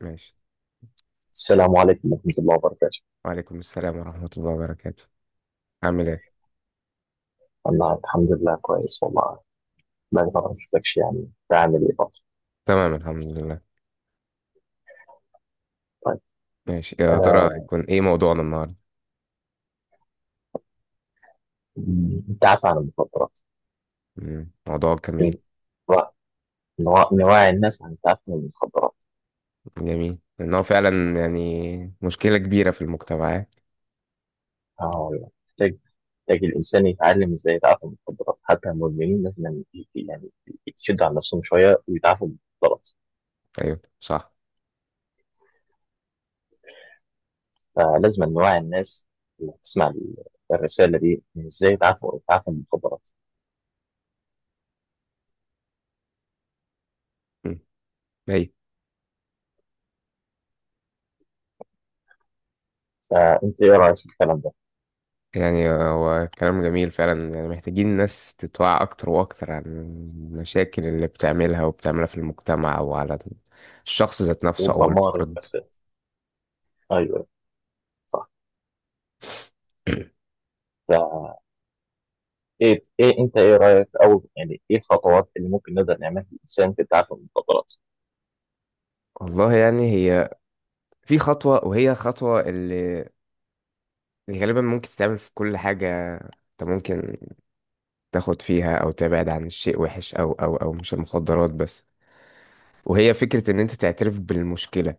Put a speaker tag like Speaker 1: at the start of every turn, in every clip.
Speaker 1: ماشي.
Speaker 2: السلام عليكم ورحمة الله وبركاته.
Speaker 1: وعليكم السلام ورحمة الله وبركاته. عامل ايه؟
Speaker 2: أنا الحمد لله كويس والله. بقالي فترة ما شفتكش، يعني بعمل إيه فترة؟
Speaker 1: تمام الحمد لله.
Speaker 2: طيب.
Speaker 1: ماشي، يا ترى
Speaker 2: آه
Speaker 1: يكون ايه موضوعنا النهاردة؟
Speaker 2: التعافي عن المخدرات.
Speaker 1: موضوع جميل.
Speaker 2: م- نوع- نوعي الناس عن التعافي من المخدرات.
Speaker 1: جميل لأنه فعلا يعني مشكلة كبيرة في المجتمعات.
Speaker 2: آه والله محتاج الإنسان يتعلم إزاي يتعافى من المخدرات، حتى المدمنين لازم يعني يعني يشدوا عن نفسهم شوية ويتعافوا من المخدرات.
Speaker 1: أيوه صح.
Speaker 2: فلازم نوعي الناس اللي تسمع الرسالة دي إزاي يتعافوا من المخدرات.
Speaker 1: مم. أي.
Speaker 2: فأنت إيه رأيك في الكلام ده؟
Speaker 1: يعني هو كلام جميل فعلا، يعني محتاجين الناس تتوعى أكتر وأكتر عن المشاكل اللي بتعملها وبتعملها في المجتمع وعلى الشخص ذات نفسه
Speaker 2: وأنت
Speaker 1: أو
Speaker 2: مارد
Speaker 1: الفرد.
Speaker 2: بس. ايوه، صح. ف ايه انت ايه رايك، او يعني ايه الخطوات اللي ممكن نقدر نعملها للانسان في التعافي من المخدرات؟
Speaker 1: والله يعني هي في خطوة، وهي خطوة اللي يعني غالبا ممكن تتعمل في كل حاجة. انت ممكن تاخد فيها او تبعد عن الشيء وحش، او مش المخدرات بس. وهي فكرة ان انت تعترف بالمشكلة،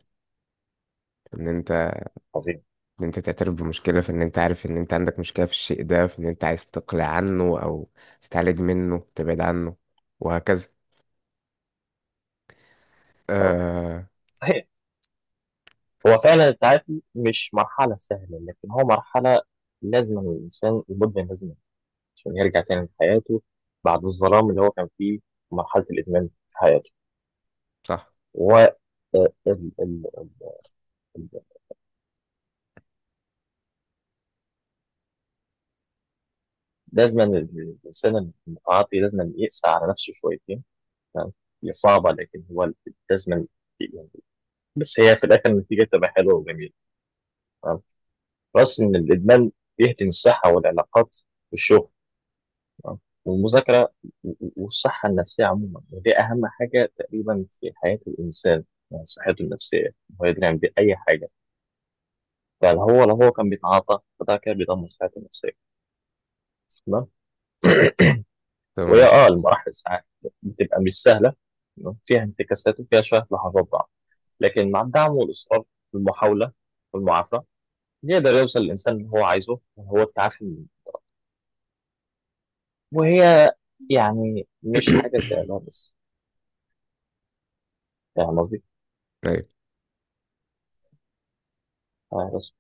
Speaker 1: ان انت
Speaker 2: عظيم.
Speaker 1: ان انت تعترف بمشكلة، في ان انت عارف ان انت عندك مشكلة في الشيء ده، في ان انت عايز تقلع عنه او تتعالج منه، تبعد عنه وهكذا.
Speaker 2: اه،
Speaker 1: آه
Speaker 2: صحيح. هو فعلا التعافي مش مرحله سهله، لكن هو مرحله لازم الانسان المدمن لازم، عشان يرجع تاني لحياته بعد الظلام اللي هو كان فيه في مرحله الادمان في حياته.
Speaker 1: صح.
Speaker 2: و ال- ال- ال- ال- لازم الانسان المتعاطي لازم يقسى على نفسه شويتين. تمام؟ هي صعبه لكن هو لازم، بس هي في الاخر النتيجه تبقى حلوه وجميله. تمام. بس ان الادمان بيهدم الصحه والعلاقات والشغل، تمام، والمذاكره والصحه النفسيه عموما، ودي اهم حاجه تقريبا في حياه الانسان، يعني صحته النفسيه، هو يدري باي حاجه. فهو لو هو كان بيتعاطى فده كده بيدمر صحته النفسيه. تمام. وهي
Speaker 1: تمام.
Speaker 2: اه المراحل ساعات بتبقى مش سهله، تمام؟ فيها انتكاسات وفيها شويه لحظات ضعف، لكن مع الدعم والاصرار والمحاوله والمعافاه يقدر يوصل الإنسان اللي هو عايزه، وهو التعافي. وهي يعني مش حاجة سهلة بس. فاهم قصدي؟
Speaker 1: ايوه،
Speaker 2: آه، بس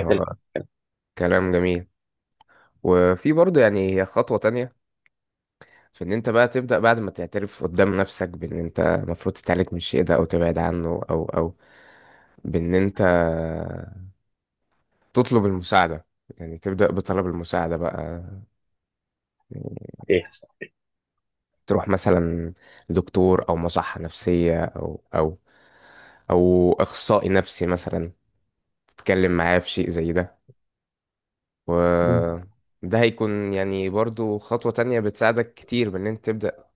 Speaker 1: هو
Speaker 2: كانت.
Speaker 1: كلام جميل. وفي برضه يعني هي خطوة تانية، فان انت بقى تبدأ بعد ما تعترف قدام نفسك بان انت المفروض تتعالج من الشيء ده او تبعد عنه او بان انت تطلب المساعدة. يعني تبدأ بطلب المساعدة بقى يعني.
Speaker 2: صحيح، صح.
Speaker 1: تروح مثلا لدكتور او مصحة نفسية او او اخصائي نفسي مثلا، تتكلم معاه في شيء زي ده.
Speaker 2: مم.
Speaker 1: و ده هيكون يعني برضو خطوة تانية بتساعدك كتير بان انت تبدأ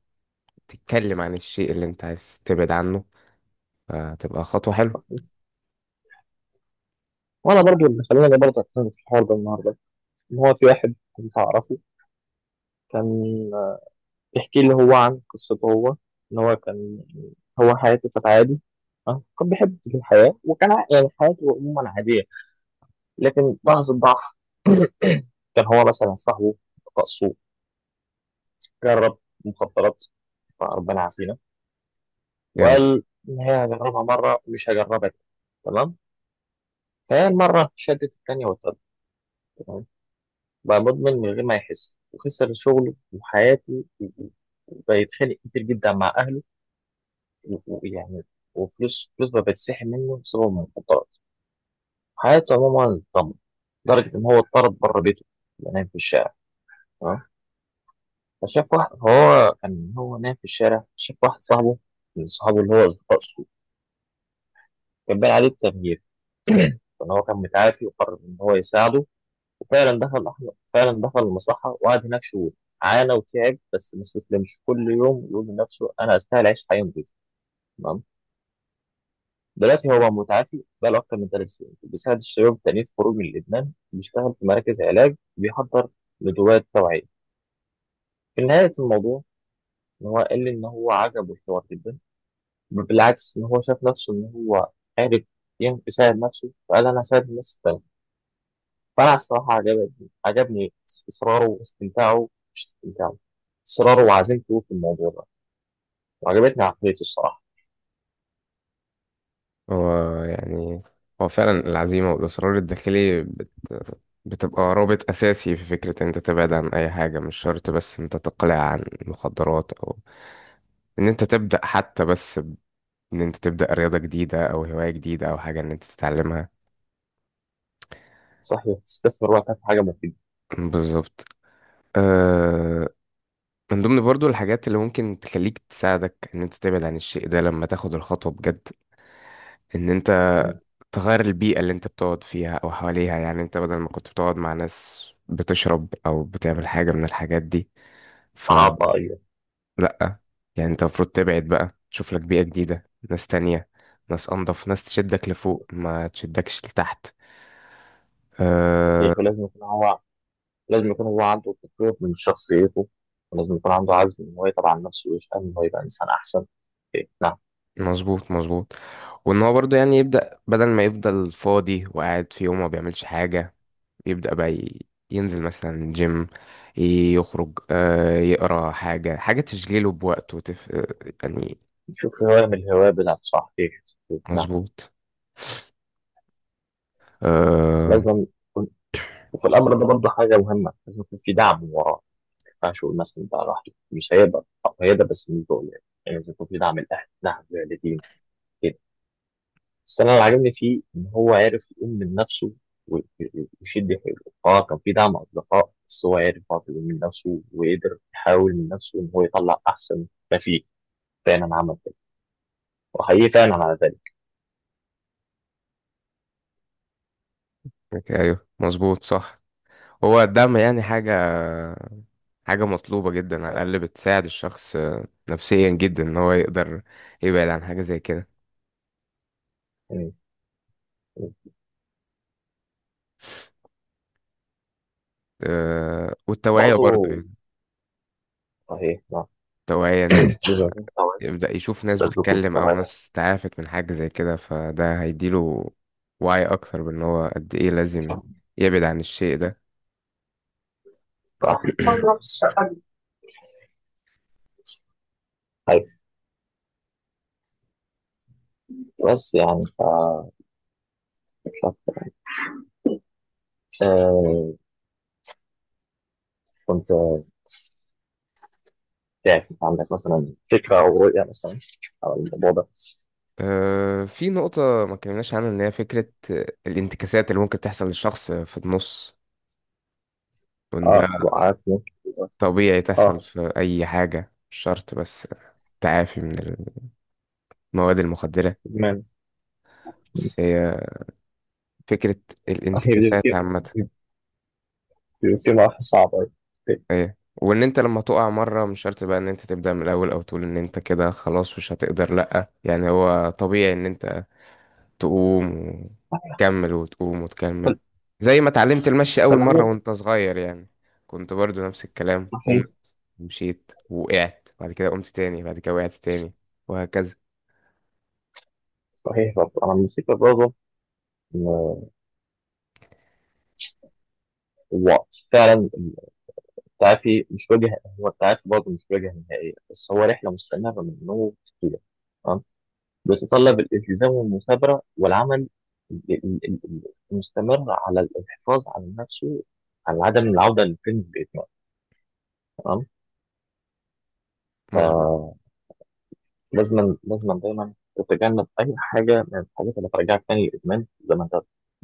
Speaker 1: تتكلم عن الشيء اللي انت عايز تبعد عنه، فتبقى خطوة حلوة.
Speaker 2: وأنا برضو اللي خلاني برضه أتكلم في الحوار ده النهاردة، إن هو في واحد كنت أعرفه كان بيحكي لي هو عن قصته هو، إن هو كان، هو حياته كانت عادي. آه، كان بيحب في الحياة، وكان يعني حياته عموما عادية. لكن لحظة ضعف كان هو مثلا صاحبه رقصه، جرب مخدرات، فربنا يعافينا.
Speaker 1: جامد.
Speaker 2: وقال إن هي هجربها مرة ومش هجربها تاني. تمام. فهي المرة شدت التانية والتالتة. تمام. بقى مدمن من غير ما يحس، وخسر شغله وحياته وبيتخانق كتير جدا مع أهله، و- ويعني وفلوس فلوس بقى بتسحب منه بسبب المخدرات. حياته عموما اتدمرت لدرجة إن هو اتطرد بره بيته، ينام في الشارع. تمام. فشاف واحد، هو كان هو نايم في الشارع، شاف واحد صاحبه من صحابه اللي هو أصدقاء سوء، كان باين عليه التغيير، فإن هو كان متعافي وقرر إن هو يساعده. وفعلا دخل أحمد فعلا دخل المصلحة، وقعد هناك شهور، عانى وتعب بس ما استسلمش، كل يوم يقول لنفسه أنا أستاهل أعيش حياة نضيفة. تمام. دلوقتي هو متعافي بقاله أكتر من 3 سنين، بيساعد الشباب التانيين في خروج من الإدمان، بيشتغل في مراكز علاج، بيحضر ندوات توعية. في نهاية الموضوع إن هو قال لي إن هو عجبه الحوار جدا، بالعكس إن هو شاف نفسه إن هو عارف يساعد نفسه، فقال أنا هساعد الناس التانية. فانا الصراحه عجبني، عجبني اصراره واستمتاعه، مش استمتاعه، اصراره وعزيمته في الموضوع ده. وعجبتني عقليته الصراحه.
Speaker 1: هو يعني، هو فعلا العزيمة والإصرار الداخلي بتبقى رابط أساسي في فكرة إن أنت تبعد عن أي حاجة، مش شرط بس إن أنت تقلع عن مخدرات أو إن أنت تبدأ حتى بس إن أنت تبدأ رياضة جديدة أو هواية جديدة أو حاجة إن أنت تتعلمها.
Speaker 2: صحيح، تستثمر وقتها في حاجه مفيده.
Speaker 1: بالظبط. أه... من ضمن برضو الحاجات اللي ممكن تخليك تساعدك إن أنت تبعد عن الشيء ده لما تاخد الخطوة بجد، ان انت
Speaker 2: يعني
Speaker 1: تغير البيئة اللي انت بتقعد فيها او حواليها. يعني انت بدل ما كنت بتقعد مع ناس بتشرب او بتعمل حاجة من الحاجات دي، فلا،
Speaker 2: عطائية.
Speaker 1: يعني انت المفروض تبعد بقى، تشوف لك بيئة جديدة، ناس تانية، ناس انضف، ناس تشدك لفوق ما تشدكش لتحت. أه.
Speaker 2: صحيح، ولازم يكون هو، لازم يكون هو عنده تطوير من شخصيته، ولازم يكون عنده عزم ان هو يتعب على نفسه ويشتغل ان هو يبقى انسان احسن. إيه، نعم.
Speaker 1: مظبوط. وان هو برضه يعني يبدأ بدل ما يفضل فاضي وقاعد في يوم ما بيعملش حاجة، يبدأ بقى ينزل مثلا جيم، يخرج، آه، يقرا حاجة، حاجة تشغله بوقته يعني.
Speaker 2: نشوف هواية من الهواية بتاعته. صحيح. إيه، نعم.
Speaker 1: مظبوط. آه...
Speaker 2: لازم. وفي الامر ده برضه حاجه مهمه، لازم يكون في دعم وراه. ما ينفعش يقول مثلا ده لوحده مش هيقدر او هيقدر، بس مش بقول يعني، يعني لازم يكون في دعم الاهل، دعم الوالدين، كده. بس انا اللي عاجبني فيه ان هو عارف يقوم من نفسه و- و- ويشد حيله. اه كان في دعم اصدقاء، بس هو عارف برضه يقوم من نفسه وقدر يحاول من نفسه ان هو يطلع احسن. ما فيه، فعلا عمل كده وحقيقي فعلا على ذلك.
Speaker 1: أيوه مظبوط صح. هو الدعم يعني حاجة، حاجة مطلوبة جدا، على الأقل بتساعد الشخص آه، نفسيا جدا إن هو يقدر يبعد عن حاجة زي كده.
Speaker 2: يعني
Speaker 1: والتوعية برضه
Speaker 2: برضه،
Speaker 1: يعني،
Speaker 2: صحيح، نعم.
Speaker 1: التوعية،
Speaker 2: لازم يكون في توعية.
Speaker 1: يبدأ يشوف ناس
Speaker 2: لازم يكون في
Speaker 1: بتتكلم أو
Speaker 2: توعية.
Speaker 1: ناس تعافت من حاجة زي كده، فده هيديله وعي أكتر بأن هو قد إيه لازم يبعد عن الشيء ده.
Speaker 2: صح. بس يعني ف... آه، كنت تعرف عندك مثلا فكرة أو رؤية مثلا على الموضوع ده.
Speaker 1: آه، في نقطة ما اتكلمناش عنها، إن هي فكرة الانتكاسات اللي ممكن تحصل للشخص في النص، وإن ده
Speaker 2: اه، وقعت ممكن.
Speaker 1: طبيعي تحصل
Speaker 2: اه،
Speaker 1: في أي حاجة، مش شرط بس تعافي من المواد المخدرة،
Speaker 2: إدمان.
Speaker 1: بس هي فكرة
Speaker 2: هي بتبقى
Speaker 1: الانتكاسات عامة.
Speaker 2: بتبقى مرحلة صعبة. ف-
Speaker 1: ايه، وان انت لما تقع مره مش شرط بقى ان انت تبدا من الاول، او تقول ان انت كده خلاص مش هتقدر، لا، يعني هو طبيعي ان انت تقوم وتكمل، وتقوم وتكمل، زي ما اتعلمت المشي اول مره
Speaker 2: فالعموم،
Speaker 1: وانت صغير يعني. كنت برضو نفس الكلام،
Speaker 2: صحيح.
Speaker 1: قمت مشيت، وقعت، بعد كده قمت تاني، بعد كده وقعت تاني، وهكذا.
Speaker 2: صحيح برضه. أنا الفكرة برضه إن الوقت فعلا، التعافي مش وجه، هو التعافي برضه مش وجه نهائية، بس هو رحلة مستمرة من النوم كده، بيتطلب الالتزام والمثابرة والعمل ال- ال- ال- ال- المستمر على الحفاظ على نفسه، على عدم العودة للفيلم بإدمان. تمام.
Speaker 1: مظبوط
Speaker 2: فلازم، لازم دايما تتجنب أي حاجة من الحاجات اللي هترجعك تاني للإدمان، زي ما أنت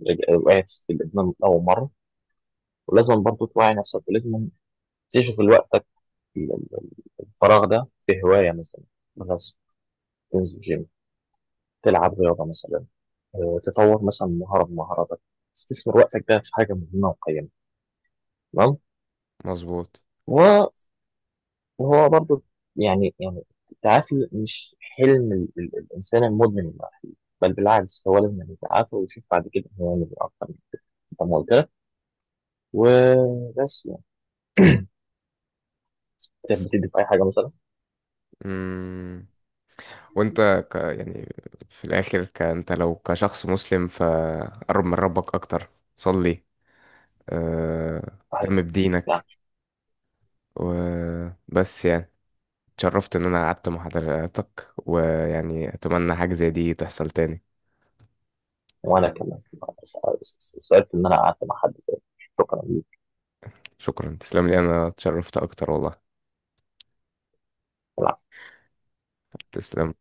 Speaker 2: وقعت في الإدمان من أول مرة. ولازم برضه توعي نفسك، ولازم تشغل وقتك ال- ال- الفراغ ده في هواية مثلا. مثلا تنزل جيم، تلعب رياضة مثلا، آه، تطور مثلا مهارة من مهاراتك، تستثمر وقتك ده في حاجة مهمة وقيمة. تمام.
Speaker 1: مظبوط
Speaker 2: وهو برضو يعني، التعافي مش حلم الإنسان المدمن الوحيد، بل بالعكس هو لازم يعني يتعافى ويشوف بعد كده هو يعمل إيه أكتر من كده. زي ما قلت لك. وبس يعني كانت بتدي في أي حاجة مثلا.
Speaker 1: امم وانت يعني في الاخر انت لو كشخص مسلم فقرب من ربك اكتر، صلي، آه،
Speaker 2: صحيح،
Speaker 1: اهتم
Speaker 2: يعني.
Speaker 1: بدينك. وبس يعني، اتشرفت ان انا قعدت مع حضرتك، ويعني اتمنى حاجة زي دي تحصل تاني.
Speaker 2: وأنا كمان سألت إن أنا قعدت مع حد زي، شكرا ليك.
Speaker 1: شكرا. تسلم لي، انا اتشرفت اكتر والله. تسلم.